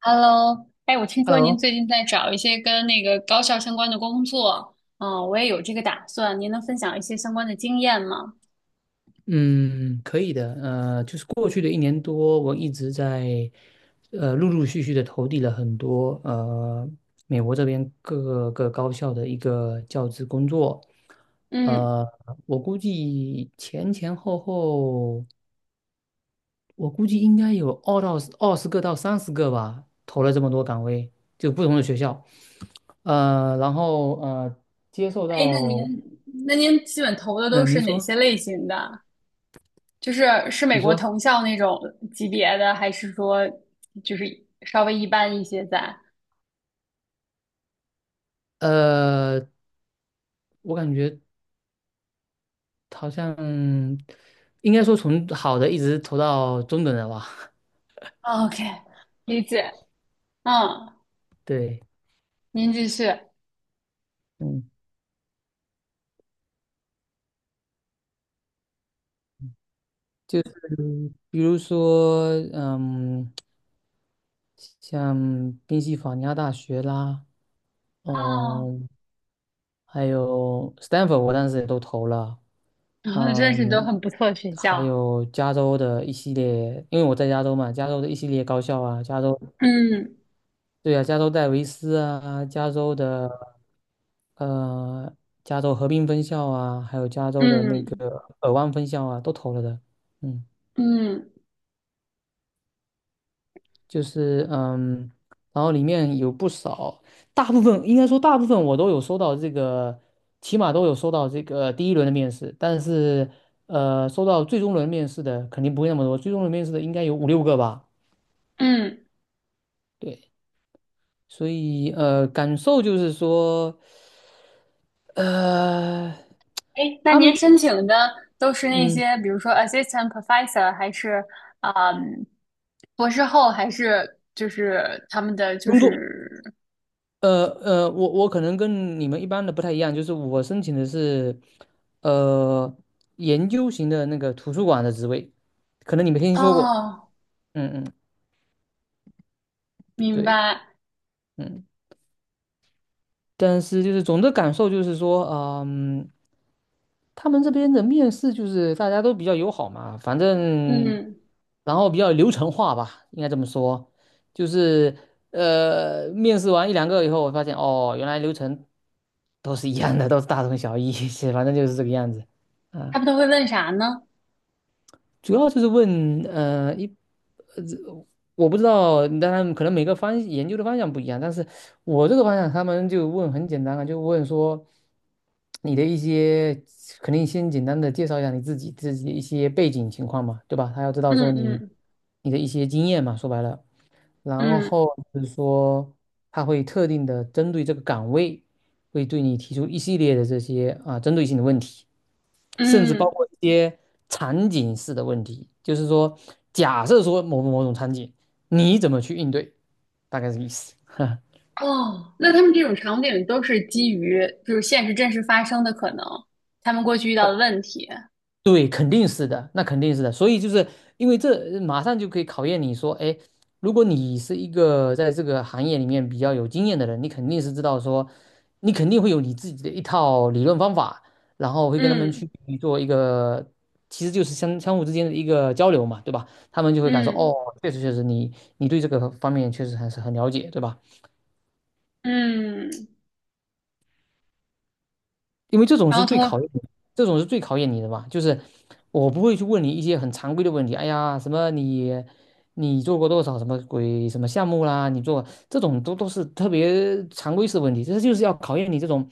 Hello，哎，我听说您 Hello，最近在找一些跟那个高校相关的工作，嗯，我也有这个打算，您能分享一些相关的经验吗？嗯，可以的。就是过去的一年多，我一直在陆陆续续的投递了很多美国这边各个高校的一个教职工作。嗯。呃，我估计前前后后，我估计应该有二十个到三十个吧，投了这么多岗位，就不同的学校。呃，然后呃，接受哎，那您到那您基本投的都是您哪说，些类型的？就是是美你国说，藤校那种级别的，还是说就是稍微一般一些在呃，我感觉。好像应该说从好的一直投到中等的吧。？OK，理解。嗯，对，您继续。嗯，就是比如说，像宾夕法尼亚大学啦，啊，嗯，还有 Stanford，我当时也都投了，然后真是都嗯，很不错的学还校。有加州的一系列，因为我在加州嘛，加州的一系列高校啊，加州，嗯对啊，加州戴维斯啊，加州的。呃，加州河滨分校啊，还有加州的那嗯个尔湾分校啊，都投了的。嗯，嗯就是然后里面有不少，大部分应该说大部分我都有收到这个，起码都有收到这个第一轮的面试，但是收到最终轮面试的肯定不会那么多，最终轮面试的应该有五六个吧。嗯，对，所以感受就是说，呃，哎，那他们您申是请的都是那嗯，些，比如说 assistant professor，还是嗯博士后，还是就是他们的就工作。是。我可能跟你们一般的不太一样，就是我申请的是，呃，研究型的那个图书馆的职位，可能你没听说过，哦，嗯嗯，明对，白。嗯，但是就是总的感受就是说，他们这边的面试就是大家都比较友好嘛，反正嗯，然后比较流程化吧，应该这么说，就是面试完一两个以后，我发现哦，原来流程都是一样的，都是大同小异，是反正就是这个样子，他啊，们都会问啥呢？主要就是问呃一呃我不知道，当然可能每个研究的方向不一样，但是我这个方向他们就问很简单啊，就问说。你的一些，肯定先简单的介绍一下你自己的一些背景情况嘛，对吧？他要知道嗯说你嗯你的一些经验嘛，说白了，然嗯后就是说他会特定的针对这个岗位，会对你提出一系列的这些啊针对性的问题，甚至包嗯，括一些场景式的问题，就是说假设说某某某种场景，你怎么去应对，大概是意思。哦，那他们这种场景都是基于就是现实真实发生的可能，他们过去遇到的问题。对，肯定是的，那肯定是的。所以就是因为这马上就可以考验你说，哎，如果你是一个在这个行业里面比较有经验的人，你肯定是知道说，你肯定会有你自己的一套理论方法，然后会跟他们嗯去做一个，其实就是相互之间的一个交流嘛，对吧？他们就会感受，哦，嗯确实你对这个方面确实还是很了解，对吧？嗯，因为这种然是后通最考过。验你这种是最考验你的吧？就是我不会去问你一些很常规的问题，哎呀，什么你做过多少什么鬼什么项目啦，你做这种都是特别常规式的问题，这就是要考验你这种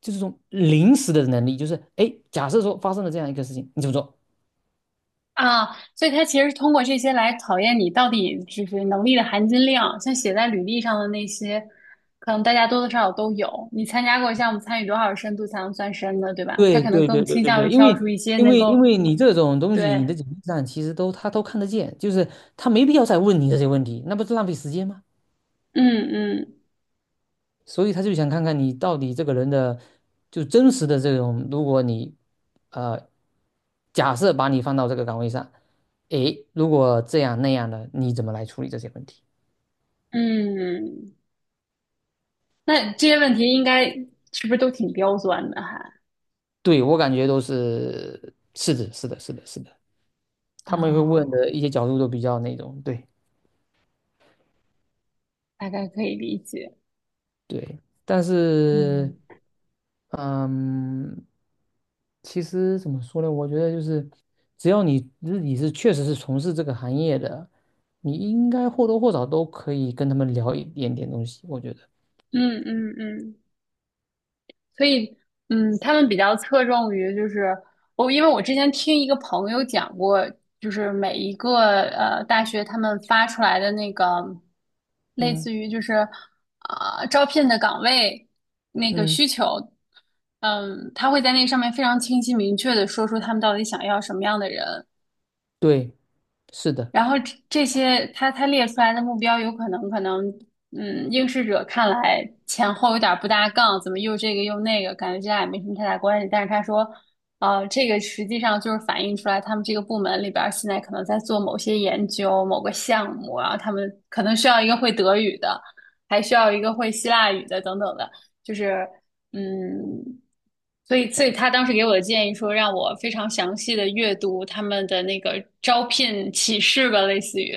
就是这种临时的能力，就是哎，假设说发生了这样一个事情，你怎么做？啊，所以他其实是通过这些来考验你到底就是能力的含金量，像写在履历上的那些，可能大家多多少少都有。你参加过项目，参与多少深度才能算深的，对吧？他对可能对更对对倾对向对，于因挑出为。一些能因够。为你这种东西，你的对。简历上其实都他都看得见，就是他没必要再问你这些问题，那不是浪费时间吗？嗯嗯所以他就想看看你到底这个人的就真实的这种，如果你呃假设把你放到这个岗位上，诶，如果这样那样的，你怎么来处理这些问题？嗯，那这些问题应该是不是都挺刁钻的还？对，我感觉都是是的，是的，是的，是的，他们会问啊，的一些角度都比较那种，对。大概可以理解。对，但是，嗯。嗯，其实怎么说呢？我觉得就是，只要你自己是确实是从事这个行业的，你应该或多或少都可以跟他们聊一点点东西。我觉得，嗯嗯嗯。所以，嗯，他们比较侧重于就是我，因为我之前听一个朋友讲过，就是每一个大学他们发出来的那个类嗯似于就是啊、招聘的岗位那个嗯，需求，嗯，他会在那上面非常清晰明确的说出他们到底想要什么样的人，对，是的。然后这些他列出来的目标，有可能，嗯，应试者看来前后有点不搭杠，怎么又这个又那个，感觉这俩也没什么太大关系。但是他说，这个实际上就是反映出来他们这个部门里边儿现在可能在做某些研究、某个项目啊，然后他们可能需要一个会德语的，还需要一个会希腊语的等等的，就是。嗯，所以所以他当时给我的建议说，让我非常详细的阅读他们的那个招聘启事吧，类似于，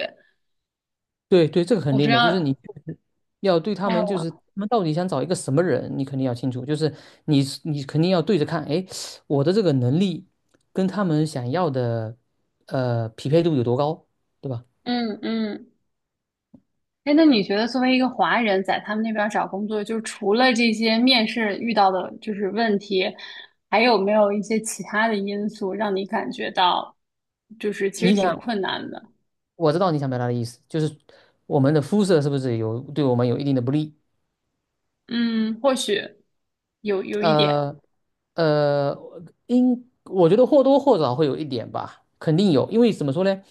对对，这个肯我不知定的，就是道。你确实要对他们，就哦，是他们到底想找一个什么人，你肯定要清楚，就是你肯定要对着看，哎，我的这个能力跟他们想要的匹配度有多高，对吧？嗯嗯。哎，那你觉得作为一个华人，在他们那边儿找工作，就是除了这些面试遇到的就是问题，还有没有一些其他的因素让你感觉到，就是其实你挺想，困难的？我知道你想表达的意思，就是我们的肤色是不是对我们有一定的不利，嗯，或许有一点。呃呃，我觉得或多或少会有一点吧，肯定有，因为怎么说呢，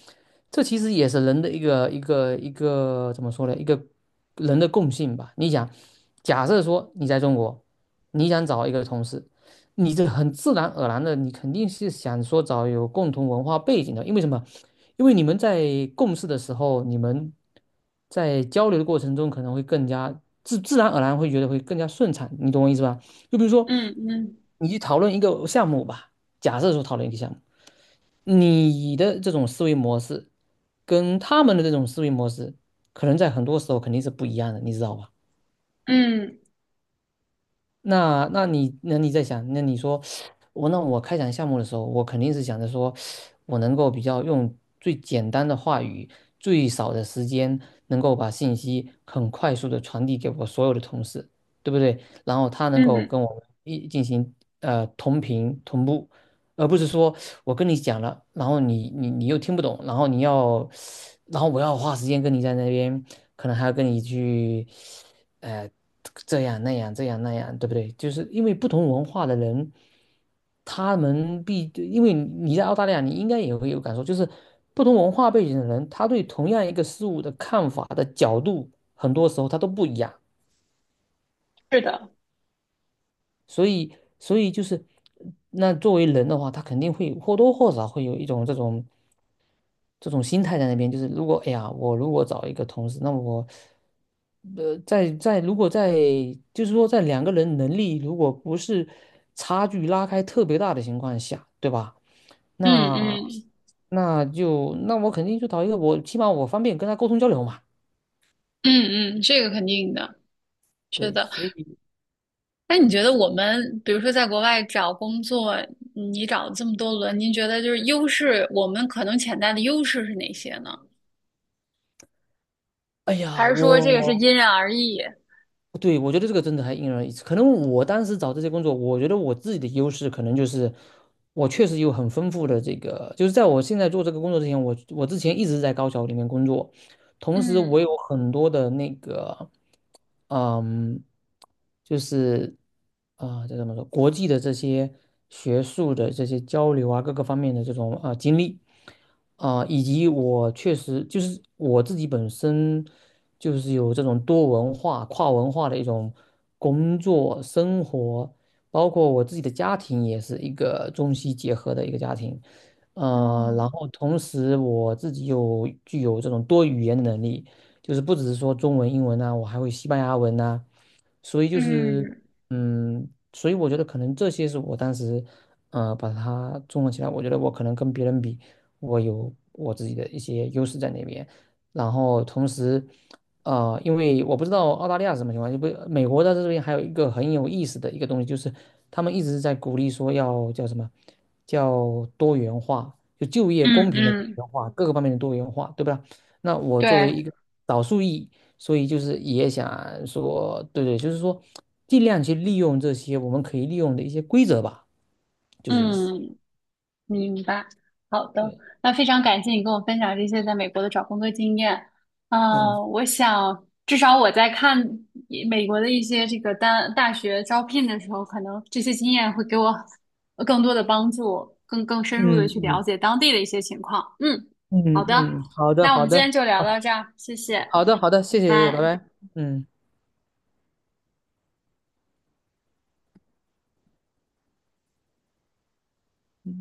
这其实也是人的一个怎么说呢，一个人的共性吧。你想，假设说你在中国，你想找一个同事，你这很自然而然的，你肯定是想说找有共同文化背景的，因为什么？因为你们在共事的时候，你们在交流的过程中可能会更加自然而然会觉得会更加顺畅，你懂我意思吧？就比如说，嗯嗯你去讨论一个项目吧，假设说讨论一个项目，你的这种思维模式跟他们的这种思维模式，可能在很多时候肯定是不一样的，你知道吧？嗯那你在想，那你说那我开展项目的时候，我肯定是想着说，我能够比较用最简单的话语，最少的时间，能够把信息很快速的传递给我所有的同事，对不对？然后他能够嗯，跟我们一进行同频同步，而不是说我跟你讲了，然后你你又听不懂，然后你要，然后我要花时间跟你在那边，可能还要跟你去，呃，这样那样这样那样，对不对？就是因为不同文化的人，他们必，因为你在澳大利亚，你应该也会有感受，就是不同文化背景的人，他对同样一个事物的看法的角度，很多时候他都不一样，是的。所以就是。那作为人的话，他肯定会或多或少会有一种这种心态在那边，就是如果哎呀，我如果找一个同事，那我在如果在就是说在两个人能力如果不是差距拉开特别大的情况下，对吧？嗯那嗯就那我肯定就找一个我起码我方便跟他沟通交流嘛。嗯嗯，这个肯定的，是对，的。所以那你觉得说，我们，比如说在国外找工作，嗯你找这么多轮，您觉得就是优势，我们可能潜在的优势是哪些呢？哎还呀，是说这个是因人而异？对，我觉得这个真的还因人而异。可能我当时找这些工作，我觉得我自己的优势可能就是，我确实有很丰富的这个，就是在我现在做这个工作之前，我之前一直在高校里面工作，同时我嗯。有很多的那个，嗯，就是啊，这、怎么说，国际的这些学术的这些交流啊，各个方面的这种啊、经历。啊、以及我确实就是我自己本身就是有这种多文化、跨文化的一种工作、生活，包括我自己的家庭也是一个中西结合的一个家庭，嗯然后同时我自己又具有这种多语言的能力，就是不只是说中文、英文呐、我还会西班牙文呐、所以就是嗯嗯，所以我觉得可能这些是我当时把它综合起来，我觉得我可能跟别人比。我有我自己的一些优势在那边。然后同时，因为我不知道澳大利亚是什么情况，就不美国在这边还有一个很有意思的一个东西，就是他们一直在鼓励说要叫什么，叫多元化，就业嗯公平的多嗯，元化，各个方面的多元化，对吧？那我作为对。一个少数裔，所以就是也想说，对对，就是说尽量去利用这些我们可以利用的一些规则吧，就是意思。嗯。明白，好的。对，那非常感谢你跟我分享这些在美国的找工作经验。嗯。我想至少我在看一美国的一些这个单大学招聘的时候，可能这些经验会给我更多的帮助，更深入的嗯去了嗯，解当地的一些情况。嗯，好的。嗯嗯，好的那我们好今天的，就聊好到这儿，谢谢，好的好的，拜谢谢，拜拜。拜，嗯。嗯